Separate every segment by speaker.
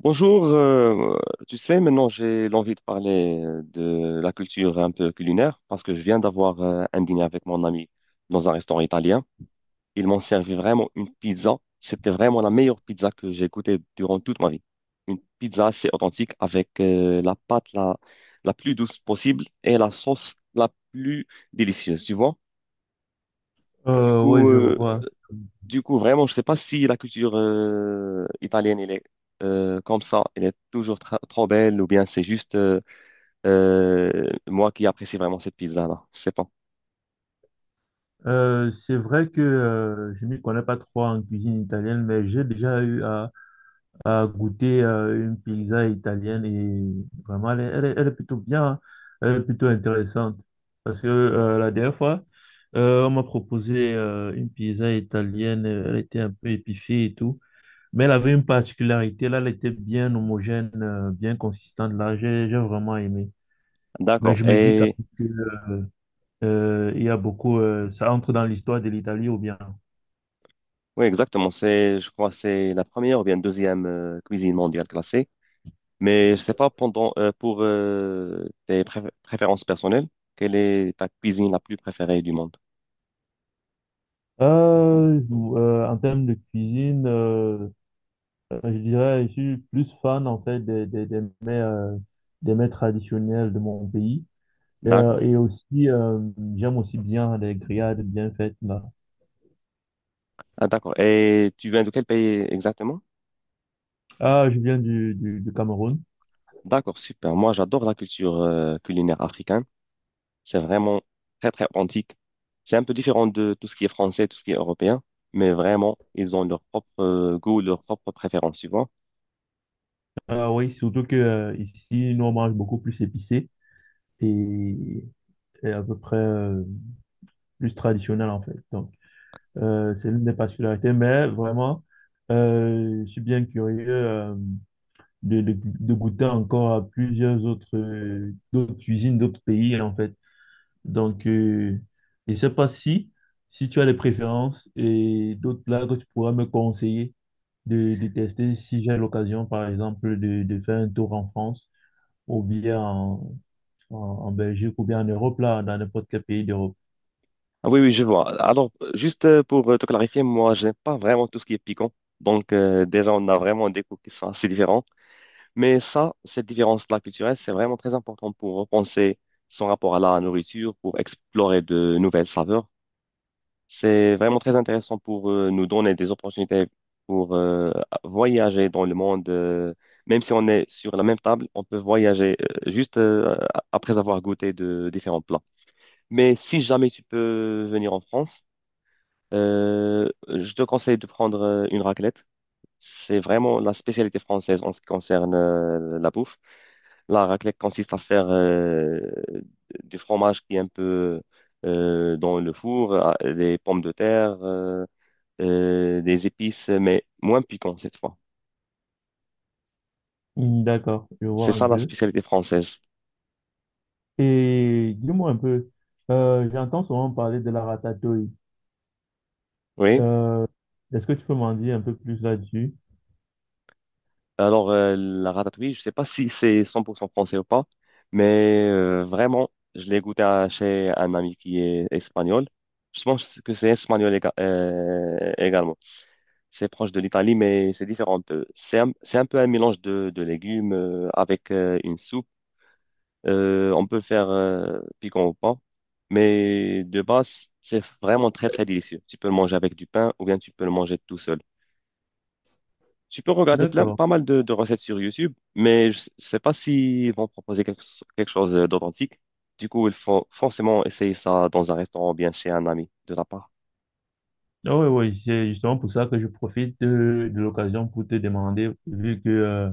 Speaker 1: Bonjour, tu sais, maintenant j'ai l'envie de parler de la culture un peu culinaire parce que je viens d'avoir un dîner avec mon ami dans un restaurant italien. Ils m'ont servi vraiment une pizza. C'était vraiment la meilleure pizza que j'ai goûtée durant toute ma vie. Une pizza assez authentique avec la pâte la plus douce possible et la sauce la plus délicieuse, tu vois. Du
Speaker 2: Ouais,
Speaker 1: coup,
Speaker 2: je vois.
Speaker 1: vraiment, je sais pas si la culture italienne, elle est comme ça, elle est toujours trop belle, ou bien c'est juste moi qui apprécie vraiment cette pizza-là. Je sais pas.
Speaker 2: C'est vrai que je m'y connais pas trop en cuisine italienne, mais j'ai déjà eu à goûter une pizza italienne et vraiment, elle est plutôt bien, hein. Elle est plutôt intéressante. Parce que la dernière fois, on m'a proposé une pizza italienne, elle était un peu épicée et tout, mais elle avait une particularité, là, elle était bien homogène, bien consistante, là, j'ai vraiment aimé. Mais
Speaker 1: D'accord.
Speaker 2: je me dis que
Speaker 1: Et
Speaker 2: Il y a beaucoup, ça entre dans l'histoire de l'Italie ou bien?
Speaker 1: oui, exactement. C'est, je crois, que c'est la première ou bien deuxième cuisine mondiale classée. Mais je sais pas pendant pour tes préférences personnelles, quelle est ta cuisine la plus préférée du monde?
Speaker 2: En termes de cuisine, je dirais, je suis plus fan en fait des mets traditionnels de mon pays.
Speaker 1: D'accord.
Speaker 2: Et aussi, j'aime aussi bien les grillades bien faites là.
Speaker 1: Ah, d'accord. Et tu viens de quel pays exactement?
Speaker 2: Ah, je viens du Cameroun.
Speaker 1: D'accord, super. Moi, j'adore la culture culinaire africaine. C'est vraiment très, très authentique. C'est un peu différent de tout ce qui est français, tout ce qui est européen, mais vraiment, ils ont leur propre goût, leur propre préférence, tu vois.
Speaker 2: Ah oui, surtout que ici, nous, on mange beaucoup plus épicé et, et à peu près plus traditionnel, en fait. Donc, c'est l'une des particularités. Mais vraiment, je suis bien curieux de goûter encore à plusieurs autres, d'autres cuisines, d'autres pays, en fait. Donc, je ne sais pas si, si tu as des préférences et d'autres plats que tu pourras me conseiller de tester si j'ai l'occasion, par exemple, de faire un tour en France ou bien en Belgique, ou bien en Europe, là, dans n'importe quel pays d'Europe.
Speaker 1: Ah oui, oui, je vois. Alors, juste pour te clarifier, moi, j'aime pas vraiment tout ce qui est piquant. Donc, déjà, on a vraiment des goûts qui sont assez différents. Mais ça, cette différence-là culturelle, c'est vraiment très important pour repenser son rapport à la nourriture, pour explorer de nouvelles saveurs. C'est vraiment très intéressant pour nous donner des opportunités pour voyager dans le monde. Même si on est sur la même table, on peut voyager juste après avoir goûté de différents plats. Mais si jamais tu peux venir en France, je te conseille de prendre une raclette. C'est vraiment la spécialité française en ce qui concerne la bouffe. La raclette consiste à faire du fromage qui est un peu dans le four, des pommes de terre, des épices, mais moins piquant cette fois.
Speaker 2: Hmm. D'accord, je
Speaker 1: C'est
Speaker 2: vois un
Speaker 1: ça la
Speaker 2: peu.
Speaker 1: spécialité française.
Speaker 2: Et dis-moi un peu, j'entends souvent parler de la ratatouille.
Speaker 1: Oui.
Speaker 2: Euh, Est-ce que tu peux m'en dire un peu plus là-dessus?
Speaker 1: Alors, la ratatouille, je sais pas si c'est 100% français ou pas, mais vraiment, je l'ai goûté chez un ami qui est espagnol. Je pense que c'est espagnol également. C'est proche de l'Italie, mais c'est différent un peu. C'est un peu un mélange de légumes avec une soupe. On peut faire piquant ou pas, mais de base, c'est vraiment très, très délicieux. Tu peux le manger avec du pain ou bien tu peux le manger tout seul. Tu peux regarder plein,
Speaker 2: D'accord.
Speaker 1: pas mal de recettes sur YouTube, mais je ne sais pas s'ils vont proposer quelque chose d'authentique. Du coup, il faut forcément essayer ça dans un restaurant ou bien chez un ami de ta part.
Speaker 2: Ah oui, oui, c'est justement pour ça que je profite de l'occasion pour te demander, vu que euh,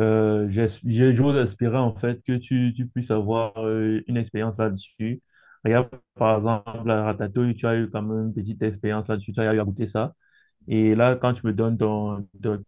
Speaker 2: Euh, j'es- je- j'ose espérer en fait que tu puisses avoir une expérience là-dessus. Regarde, par exemple, la ratatouille, tu as eu quand même une petite expérience là-dessus, tu as eu à goûter ça. Et là, quand tu me donnes ton, ton,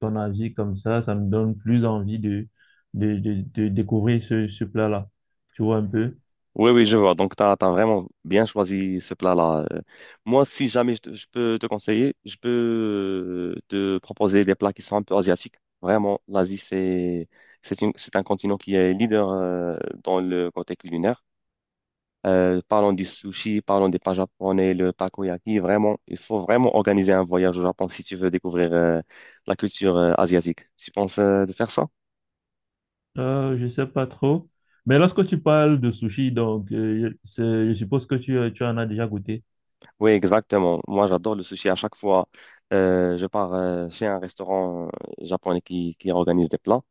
Speaker 2: ton avis comme ça me donne plus envie de découvrir ce, ce plat-là. Tu vois un peu?
Speaker 1: Oui, oui, je vois. Donc, tu as vraiment bien choisi ce plat-là. Moi, si jamais je peux te conseiller, je peux te proposer des plats qui sont un peu asiatiques. Vraiment, l'Asie, c'est un continent qui est leader dans le côté culinaire. Parlons du sushi, parlons des plats japonais, le takoyaki. Vraiment, il faut vraiment organiser un voyage au Japon si tu veux découvrir la culture asiatique. Tu penses de faire ça?
Speaker 2: Je sais pas trop. Mais lorsque tu parles de sushi, donc, je suppose que tu en as déjà goûté.
Speaker 1: Oui, exactement. Moi, j'adore le sushi. À chaque fois, je pars chez un restaurant japonais qui organise des plats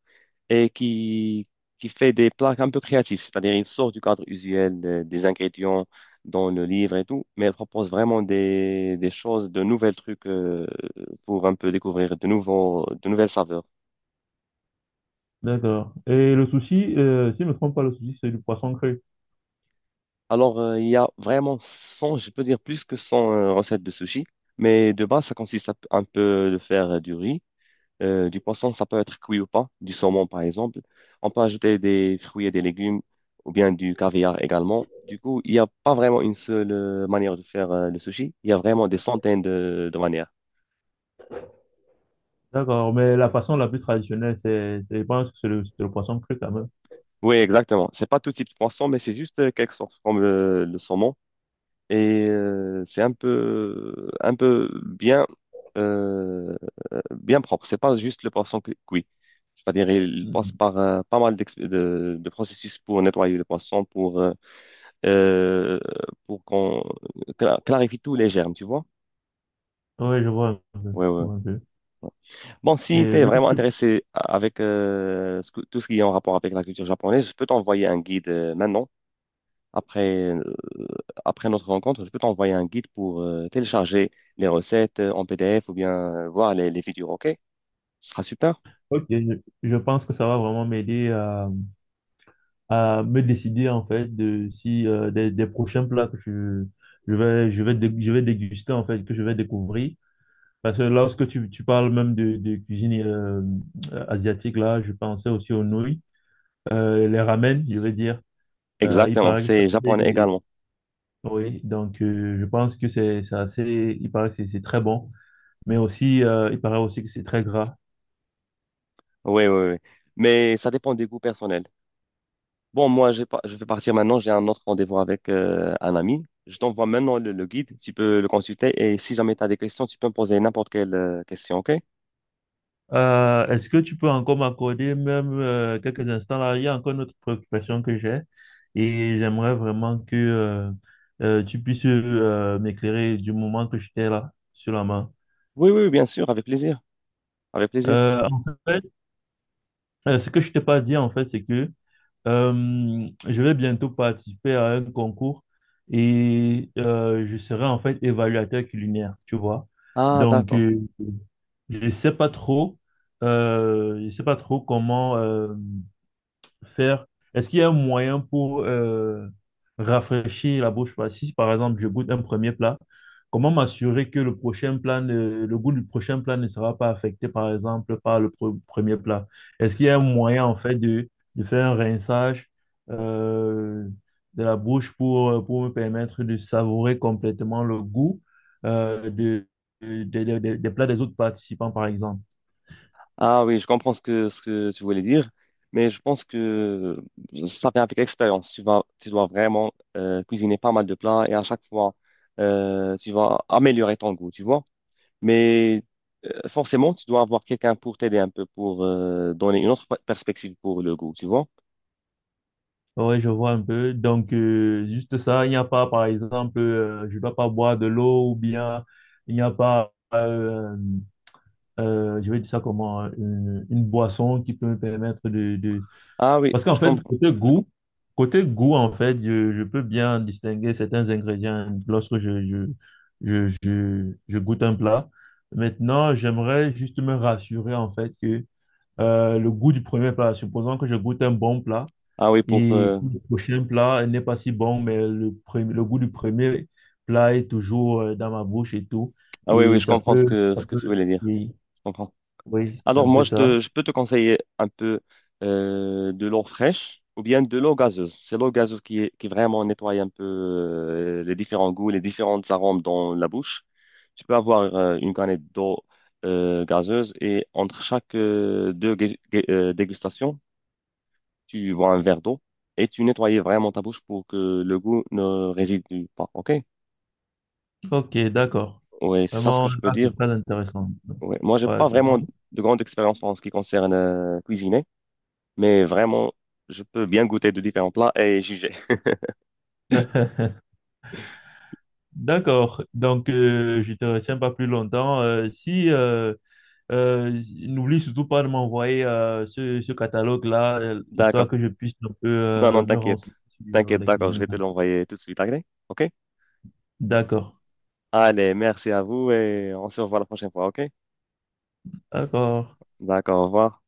Speaker 1: et qui fait des plats un peu créatifs. C'est-à-dire, il sort du cadre usuel des ingrédients dans le livre et tout, mais il propose vraiment des choses, de nouveaux trucs pour un peu découvrir de nouveaux, de nouvelles saveurs.
Speaker 2: D'accord. Et le sushi, si je ne me trompe pas, le sushi, c'est du poisson cru.
Speaker 1: Alors, il y a vraiment 100, je peux dire plus que 100 recettes de sushi, mais de base, ça consiste un peu de faire du riz. Du poisson, ça peut être cuit ou pas, du saumon par exemple. On peut ajouter des fruits et des légumes ou bien du caviar également. Du coup, il n'y a pas vraiment une seule manière de faire le sushi. Il y a vraiment des centaines de manières.
Speaker 2: D'accord, mais la façon la plus traditionnelle, je pense que c'est le poisson cru quand même.
Speaker 1: Oui, exactement. C'est pas tout type de poisson, mais c'est juste quelque sorte comme le saumon. Et c'est un peu bien, euh, bien propre. C'est pas juste le poisson cuit. C'est-à-dire, il passe
Speaker 2: Mhm.
Speaker 1: par pas mal de processus pour nettoyer le poisson, euh, pour qu'on clarifie tous les germes, tu vois?
Speaker 2: Oui, je vois un peu,
Speaker 1: Ouais, ouais,
Speaker 2: je vois un peu.
Speaker 1: ouais. Bon, si tu
Speaker 2: Et
Speaker 1: es
Speaker 2: vu que
Speaker 1: vraiment
Speaker 2: tu...
Speaker 1: intéressé avec tout ce qui est en rapport avec la culture japonaise, je peux t'envoyer un guide maintenant. Après, après notre rencontre, je peux t'envoyer un guide pour télécharger les recettes en PDF ou bien voir les vidéos, ok? Ce sera super.
Speaker 2: Ok, je pense que ça va vraiment m'aider à me décider en fait de si des prochains plats que je vais, je vais déguster en fait, que je vais découvrir. Parce que lorsque tu, tu parles même de cuisine asiatique, là, je pensais aussi aux nouilles. Euh, les ramen, je veux dire. Il
Speaker 1: Exactement,
Speaker 2: paraît que ça
Speaker 1: c'est japonais
Speaker 2: fait-
Speaker 1: également.
Speaker 2: Oui, donc je pense que c'est assez... Il paraît que c'est très bon. Mais aussi, il paraît aussi que c'est très gras.
Speaker 1: Oui, oui, oui. Mais ça dépend des goûts personnels. Bon, moi, j'ai pas, je vais partir maintenant. J'ai un autre rendez-vous avec un ami. Je t'envoie maintenant le guide. Tu peux le consulter. Et si jamais tu as des questions, tu peux me poser n'importe quelle question, OK?
Speaker 2: Est-ce que tu peux encore m'accorder même quelques instants là? Il y a encore une autre préoccupation que j'ai et j'aimerais vraiment que tu puisses m'éclairer du moment que j'étais là sur la main.
Speaker 1: Oui, oui, bien sûr, avec plaisir. Avec plaisir.
Speaker 2: En fait, ce que je t'ai pas dit en fait, c'est que je vais bientôt participer à un concours et je serai en fait évaluateur culinaire, tu vois.
Speaker 1: Ah,
Speaker 2: Donc,
Speaker 1: d'accord.
Speaker 2: je sais pas trop, je sais pas trop comment. Faire? Est-ce qu'il y a un moyen pour rafraîchir la bouche? Si, par exemple, je goûte un premier plat, comment m'assurer que le goût du prochain plat ne sera pas affecté, par exemple, par le premier plat? Est-ce qu'il y a un moyen, en fait, de faire un rinçage euh, de la bouche pour me permettre de savourer complètement le goût euh, de, des plats des autres participants, par exemple?
Speaker 1: Ah oui, je comprends ce que tu voulais dire. Mais je pense que ça vient avec l'expérience. Tu vas, tu dois vraiment cuisiner pas mal de plats et à chaque fois, tu vas améliorer ton goût, tu vois? Mais forcément, tu dois avoir quelqu'un pour t'aider un peu, pour donner une autre perspective pour le goût, tu vois?
Speaker 2: Oui, je vois un peu. Donc, juste ça, il n'y a pas, par exemple, je ne dois pas boire de l'eau ou bien il n'y a pas, je vais dire ça comment, une boisson qui peut me permettre de,
Speaker 1: Ah oui,
Speaker 2: parce qu'en
Speaker 1: je
Speaker 2: fait,
Speaker 1: comprends.
Speaker 2: côté goût, en fait, je peux bien distinguer certains ingrédients lorsque je goûte un plat. Maintenant, j'aimerais juste me rassurer, en fait, que le goût du premier plat, supposons que je goûte un bon plat
Speaker 1: Ah oui, pour.
Speaker 2: et que le prochain plat n'est pas si bon, mais le goût du premier plat est toujours dans ma bouche et tout.
Speaker 1: Ah oui, oui,
Speaker 2: Et
Speaker 1: je comprends ce que,
Speaker 2: ça
Speaker 1: ce que tu
Speaker 2: peut,
Speaker 1: voulais dire.
Speaker 2: oui,
Speaker 1: Je comprends.
Speaker 2: oui, c'est
Speaker 1: Alors
Speaker 2: un
Speaker 1: moi,
Speaker 2: peu ça.
Speaker 1: je peux te conseiller un peu de l'eau fraîche ou bien de l'eau gazeuse. C'est l'eau gazeuse qui vraiment nettoie un peu les différents goûts, les différentes arômes dans la bouche. Tu peux avoir une canette d'eau gazeuse et entre chaque deux dégustations, tu bois un verre d'eau et tu nettoies vraiment ta bouche pour que le goût ne réside pas. OK?
Speaker 2: Ok, d'accord.
Speaker 1: Oui, c'est ça ce que
Speaker 2: Vraiment,
Speaker 1: je peux
Speaker 2: là,
Speaker 1: dire.
Speaker 2: c'est très intéressant.
Speaker 1: Ouais. Moi, j'ai pas
Speaker 2: Voilà c'est
Speaker 1: vraiment
Speaker 2: bon.
Speaker 1: de grande expérience en ce qui concerne cuisiner. Mais vraiment, je peux bien goûter de différents plats et juger.
Speaker 2: D'accord. Donc, je te retiens pas plus longtemps. Si, n'oublie surtout pas de m'envoyer ce catalogue-là, histoire
Speaker 1: D'accord.
Speaker 2: que je puisse un peu
Speaker 1: Non, non,
Speaker 2: me
Speaker 1: t'inquiète.
Speaker 2: renseigner sur
Speaker 1: T'inquiète,
Speaker 2: la
Speaker 1: d'accord, je
Speaker 2: cuisine.
Speaker 1: vais te l'envoyer tout de suite, ok? Ok?
Speaker 2: D'accord.
Speaker 1: Allez, merci à vous et on se revoit la prochaine fois, ok?
Speaker 2: D'accord.
Speaker 1: D'accord, au revoir.